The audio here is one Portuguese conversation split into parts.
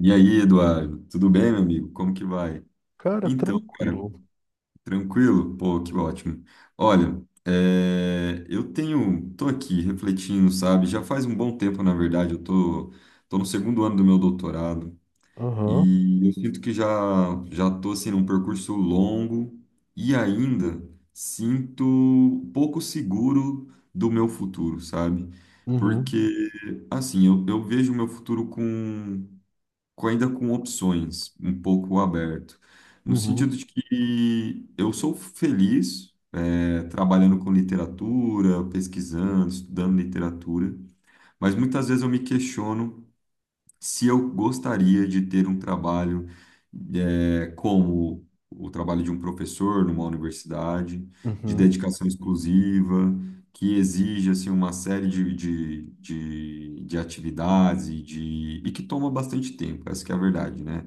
E aí, Eduardo, tudo bem, meu amigo? Como que vai? Cara, Então, cara, tranquilo. tranquilo? Pô, que ótimo. Olha, tô aqui refletindo, sabe? Já faz um bom tempo, na verdade, eu tô no segundo ano do meu doutorado, Aham. e eu sinto que já tô, assim, num percurso longo e ainda sinto pouco seguro do meu futuro, sabe? Porque, Uhum. assim, eu vejo o meu futuro ainda com opções, um pouco aberto, no Uhum. sentido de que eu sou feliz trabalhando com literatura, pesquisando, estudando literatura, mas muitas vezes eu me questiono se eu gostaria de ter um trabalho como o trabalho de um professor numa universidade, de Uhum. dedicação exclusiva, que exige, assim, uma série de atividades e que toma bastante tempo, essa que é a verdade, né?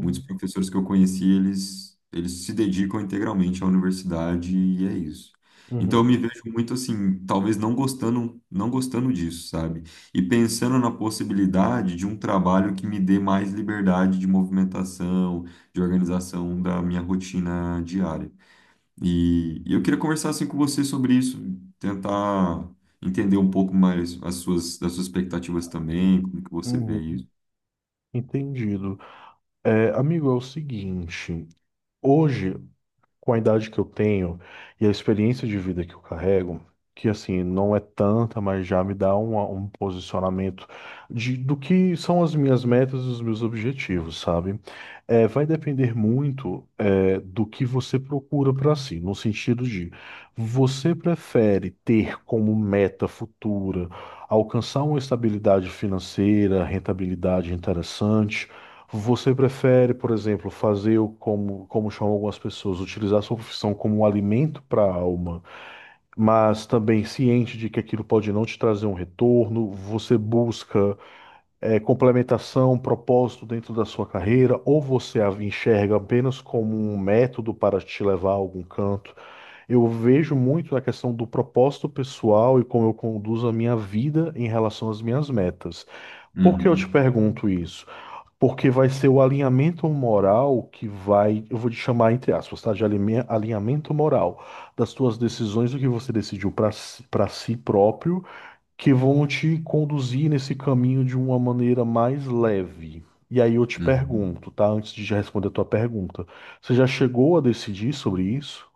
Muitos professores que eu conheci, eles se dedicam integralmente à universidade, e é isso. Então eu Uhum. me vejo muito assim, talvez não gostando, não gostando disso, sabe? E pensando na possibilidade de um trabalho que me dê mais liberdade de movimentação, de organização da minha rotina diária. E eu queria conversar assim com você sobre isso, tentar entender um pouco mais as suas, expectativas também, como que você vê Uhum. isso. Entendido. É, amigo, é o seguinte. Hoje com a idade que eu tenho e a experiência de vida que eu carrego, que assim, não é tanta, mas já me dá um posicionamento de, do que são as minhas metas e os meus objetivos, sabe? É, vai depender muito, é, do que você procura para si, no sentido de você prefere ter como meta futura alcançar uma estabilidade financeira, rentabilidade interessante. Você prefere, por exemplo, fazer o como chamam algumas pessoas, utilizar a sua profissão como um alimento para a alma, mas também ciente de que aquilo pode não te trazer um retorno? Você busca complementação, propósito dentro da sua carreira, ou você a enxerga apenas como um método para te levar a algum canto? Eu vejo muito a questão do propósito pessoal e como eu conduzo a minha vida em relação às minhas metas. Por que eu te Uhum, pergunto isso? Porque vai ser o alinhamento moral que vai, eu vou te chamar entre aspas, tá? Alinhamento moral das tuas decisões, do que você decidiu para si próprio, que vão te conduzir nesse caminho de uma maneira mais leve. E aí eu te uhum. pergunto, tá? Antes de já responder a tua pergunta, você já chegou a decidir sobre isso?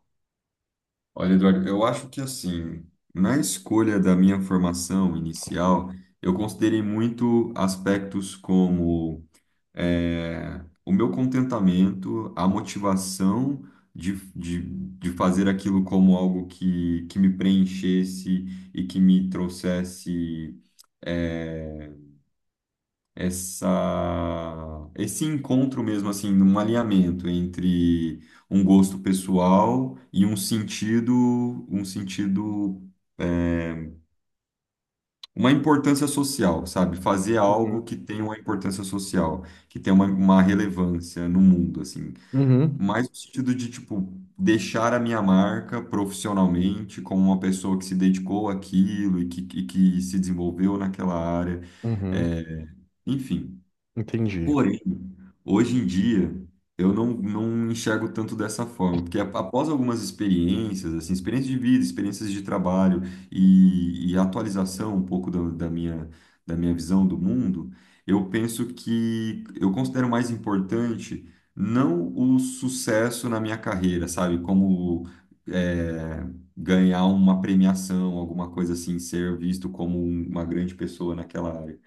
Olha, Eduardo, eu acho que, assim, na escolha da minha formação inicial, eu considerei muito aspectos como o meu contentamento, a motivação de fazer aquilo como algo que me preenchesse e que me trouxesse, é, essa esse encontro mesmo, assim, num alinhamento entre um gosto pessoal e um sentido é, uma importância social, sabe? Fazer algo Uhum. que tenha uma importância social, que tenha uma relevância no mundo, assim. Uhum, Mais no sentido de, tipo, deixar a minha marca profissionalmente como uma pessoa que se dedicou àquilo e que se desenvolveu naquela área. uhum, É, Enfim. entendi. Porém, hoje em dia, eu não, não enxergo tanto dessa forma, porque após algumas experiências, assim, experiências de vida, experiências de trabalho e atualização um pouco da, da minha, visão do mundo. Eu penso que eu considero mais importante não o sucesso na minha carreira, sabe? Como, é, ganhar uma premiação, alguma coisa assim, ser visto como uma grande pessoa naquela área.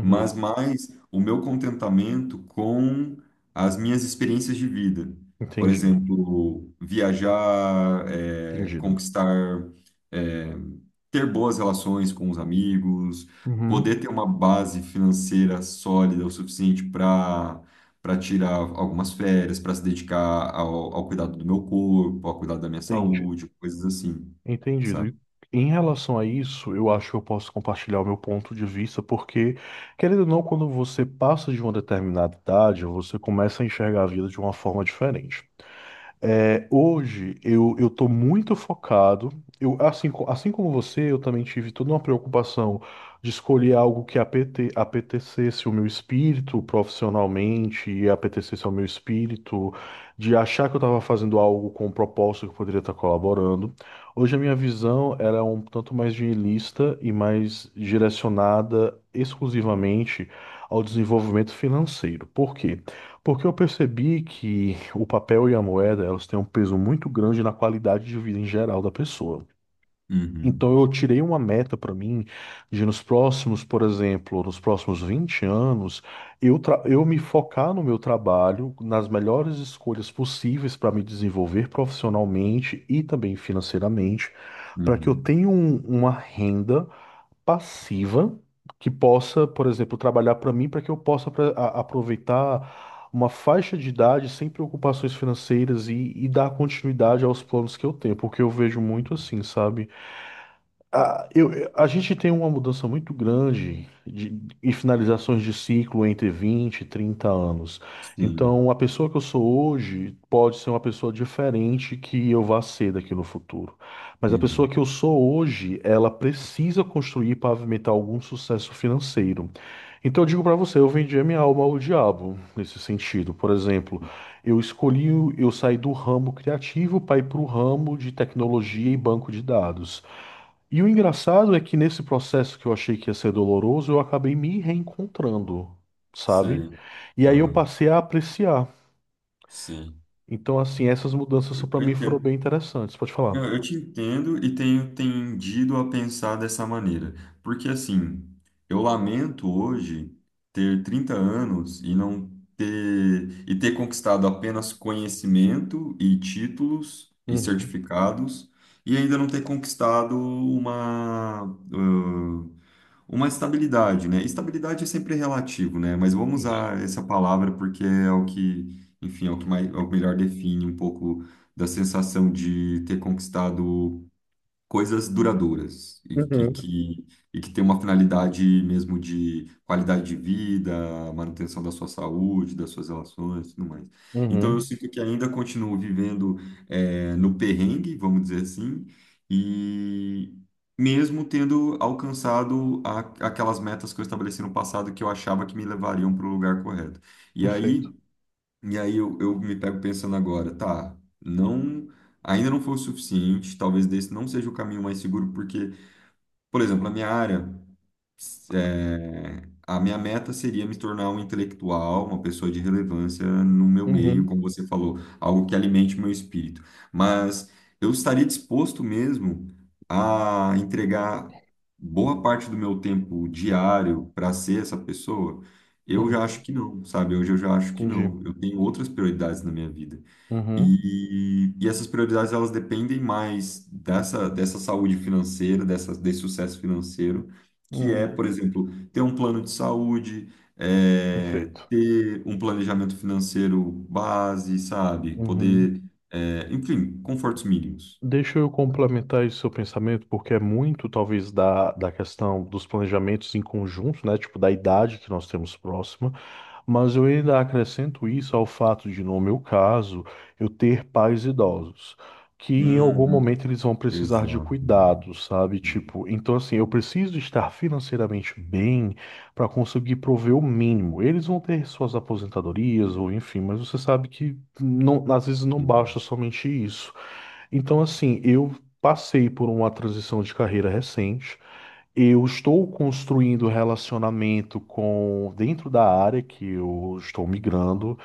Mas mais o meu contentamento com as minhas experiências de vida. Por entendido, exemplo, viajar, entendido. conquistar, eh, ter boas relações com os amigos, poder Uhum, ter uma base financeira sólida o suficiente para tirar algumas férias, para se dedicar ao cuidado do meu corpo, ao cuidado da minha entendi. saúde, coisas assim, Entendido. sabe? Em relação a isso, eu acho que eu posso compartilhar o meu ponto de vista, porque, querendo ou não, quando você passa de uma determinada idade, você começa a enxergar a vida de uma forma diferente. É, hoje eu estou muito focado. Assim como você, eu também tive toda uma preocupação de escolher algo que apetecesse o meu espírito profissionalmente e apetecesse ao meu espírito, de achar que eu estava fazendo algo com um propósito que eu poderia estar colaborando. Hoje a minha visão era um tanto mais nihilista e mais direcionada exclusivamente ao desenvolvimento financeiro. Por quê? Porque eu percebi que o papel e a moeda, elas têm um peso muito grande na qualidade de vida em geral da pessoa. Então Uhum, eu tirei uma meta para mim de nos próximos, por exemplo, nos próximos 20 anos, eu me focar no meu trabalho, nas melhores escolhas possíveis para me desenvolver profissionalmente e também financeiramente, para que eu uhum, tenha uma renda passiva que possa, por exemplo, trabalhar para mim para que eu possa aproveitar uma faixa de idade sem preocupações financeiras e dar continuidade aos planos que eu tenho, porque eu vejo muito assim, sabe? A gente tem uma mudança muito grande e finalizações de ciclo entre 20 e 30 anos. sim, Então, a pessoa que eu sou hoje pode ser uma pessoa diferente que eu vá ser daqui no futuro. Mas a pessoa uhum, que eu sou hoje, ela precisa construir e pavimentar algum sucesso financeiro. Então, eu digo para você, eu vendi a minha alma ao diabo nesse sentido. Por exemplo, eu saí do ramo criativo para ir para o ramo de tecnologia e banco de dados. E o engraçado é que nesse processo que eu achei que ia ser doloroso, eu acabei me reencontrando, sabe? sei, E aí eu aham, passei a apreciar. sim. Então, assim, essas mudanças Eu para mim foram entendo. bem interessantes. Pode Eu, falar. eu te entendo e tenho tendido a pensar dessa maneira, porque, assim, eu lamento hoje ter 30 anos e não ter e ter conquistado apenas conhecimento e títulos e Uhum. certificados e ainda não ter conquistado uma, ãh, uma estabilidade, né? Estabilidade é sempre relativo, né? Mas vamos Isso. usar essa palavra porque é o que, enfim, é o que melhor define um pouco da sensação de ter conquistado coisas duradouras e, e Uhum. que, e que tem uma finalidade mesmo de qualidade de vida, manutenção da sua saúde, das suas relações e tudo mais. Então eu Uhum. sinto que ainda continuo vivendo, no perrengue, vamos dizer assim, e mesmo tendo alcançado aquelas metas que eu estabeleci no passado, que eu achava que me levariam para o lugar correto. E Perfeito. aí e aí eu me pego pensando agora, tá, não, ainda não foi o suficiente, talvez desse não seja o caminho mais seguro, porque, por exemplo, na minha área. É, a minha meta seria me tornar um intelectual, uma pessoa de relevância no meu meio, Uhum. como você falou, algo que alimente o meu espírito. Mas eu estaria disposto mesmo a entregar boa parte do meu tempo diário para ser essa pessoa? Eu já acho Uhum. que não, sabe? Hoje eu já acho que Entendi. não. Eu tenho outras prioridades na minha vida. Uhum. E essas prioridades, elas dependem mais dessa, saúde financeira, desse sucesso financeiro, que é, Uhum. por exemplo, ter um plano de saúde, Perfeito. ter um planejamento financeiro base, sabe? Uhum. Poder, enfim, confortos mínimos. Deixa eu complementar esse seu pensamento, porque é muito, talvez, da questão dos planejamentos em conjunto, né? Tipo, da idade que nós temos próxima. Mas eu ainda acrescento isso ao fato de, no meu caso, eu ter pais idosos, que em algum Uhum. momento eles vão precisar de Exato. cuidado, sabe? Exato. Tipo, então assim, eu preciso estar financeiramente bem para conseguir prover o mínimo. Eles vão ter suas aposentadorias ou enfim, mas você sabe que não, às vezes não Uhum. basta somente isso. Então assim, eu passei por uma transição de carreira recente. Eu estou construindo relacionamento com dentro da área que eu estou migrando.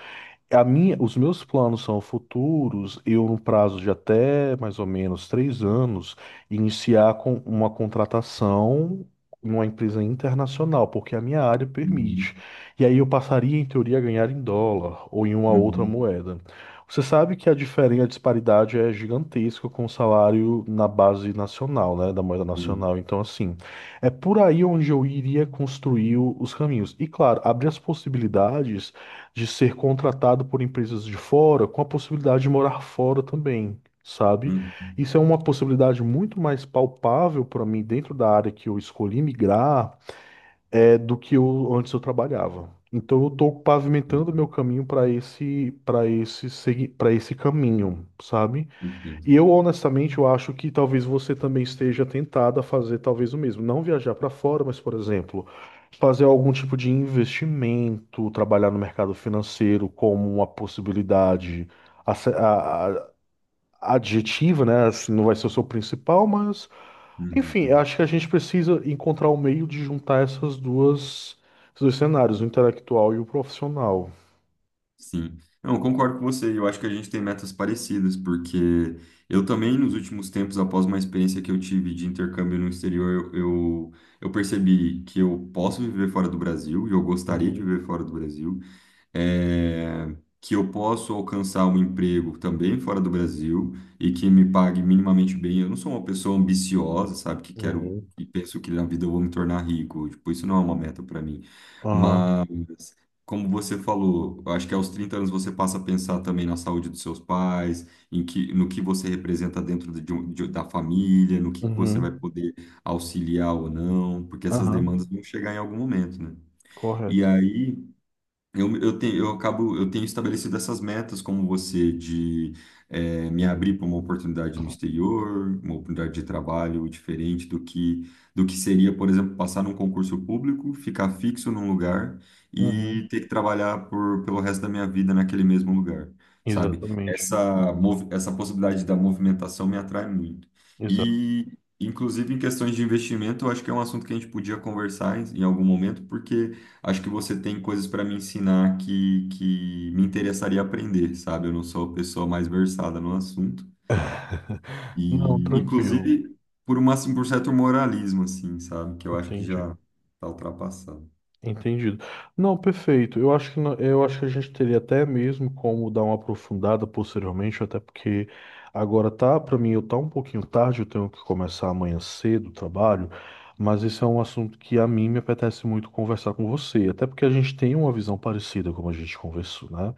Os meus planos são futuros, eu no prazo de até mais ou menos 3 anos, iniciar com uma contratação numa empresa internacional, porque a minha área permite. E aí eu passaria, em teoria, a ganhar em dólar ou em uma outra Uhum. moeda. Você sabe que a disparidade é gigantesca com o salário na base nacional, né, da moeda Sim. nacional. Então, assim, é por aí onde eu iria construir os caminhos. E, claro, abrir as possibilidades de ser contratado por empresas de fora, com a possibilidade de morar fora também, sabe? Uhum. Isso é uma possibilidade muito mais palpável para mim dentro da área que eu escolhi migrar, é do que eu antes eu trabalhava. Então eu estou Sim. pavimentando meu caminho para esse caminho, sabe? Entendo. E eu, honestamente, eu acho que talvez você também esteja tentado a fazer talvez o mesmo. Não viajar para fora, mas, por exemplo, fazer algum tipo de investimento, trabalhar no mercado financeiro como uma possibilidade ace- a- a- adjetiva, né? Assim, não vai ser o seu principal, mas, enfim, eu Uhum. acho que a gente precisa encontrar o meio de juntar esses dois cenários, o intelectual e o profissional. Sim, não, eu concordo com você. Eu acho que a gente tem metas parecidas, porque eu também, nos últimos tempos, após uma experiência que eu tive de intercâmbio no exterior, eu, eu percebi que eu posso viver fora do Brasil, e eu gostaria de Uhum, viver fora do Brasil, é, que eu posso alcançar um emprego também fora do Brasil e que me pague minimamente bem. Eu não sou uma pessoa ambiciosa, sabe, que quero uhum. e penso que na vida eu vou me tornar rico. Tipo, isso não é uma meta para mim. Aham, Como você falou, eu acho que aos 30 anos você passa a pensar também na saúde dos seus pais, em que, no que você representa dentro da família, no que você uhum, vai poder auxiliar ou não, porque essas aham, demandas vão chegar em algum momento, né? E correto. aí eu tenho estabelecido essas metas, como você, de me abrir para uma oportunidade no exterior, uma oportunidade de trabalho diferente do que, seria, por exemplo, passar num concurso público, ficar fixo num lugar e Uhum. ter que trabalhar pelo resto da minha vida naquele mesmo lugar, sabe? Exatamente, Essa possibilidade da movimentação me atrai muito. exato. E, inclusive, em questões de investimento, eu acho que é um assunto que a gente podia conversar em algum momento, porque acho que você tem coisas para me ensinar que me interessaria aprender, sabe? Eu não sou a pessoa mais versada no assunto. Não, E, tranquilo, inclusive, por certo moralismo, assim, sabe? Que eu acho que entendi, já está ultrapassado. entendido. Não, perfeito. Eu acho que no- Eu acho que a gente teria até mesmo como dar uma aprofundada posteriormente, até porque agora tá, para mim, eu tá um pouquinho tarde, eu tenho que começar amanhã cedo o trabalho, mas esse é um assunto que a mim me apetece muito conversar com você, até porque a gente tem uma visão parecida como a gente conversou, né?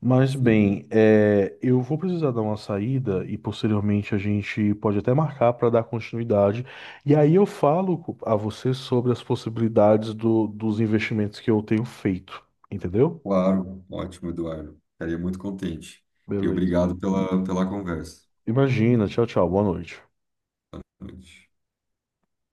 Mas Sim. bem, é, eu vou precisar dar uma saída e posteriormente a gente pode até marcar para dar continuidade. E aí eu falo a você sobre as possibilidades dos investimentos que eu tenho feito, entendeu? Claro. Ótimo, Eduardo. Ficaria muito contente. E Beleza. obrigado pela conversa. Imagina, tchau, tchau, boa noite. Boa noite.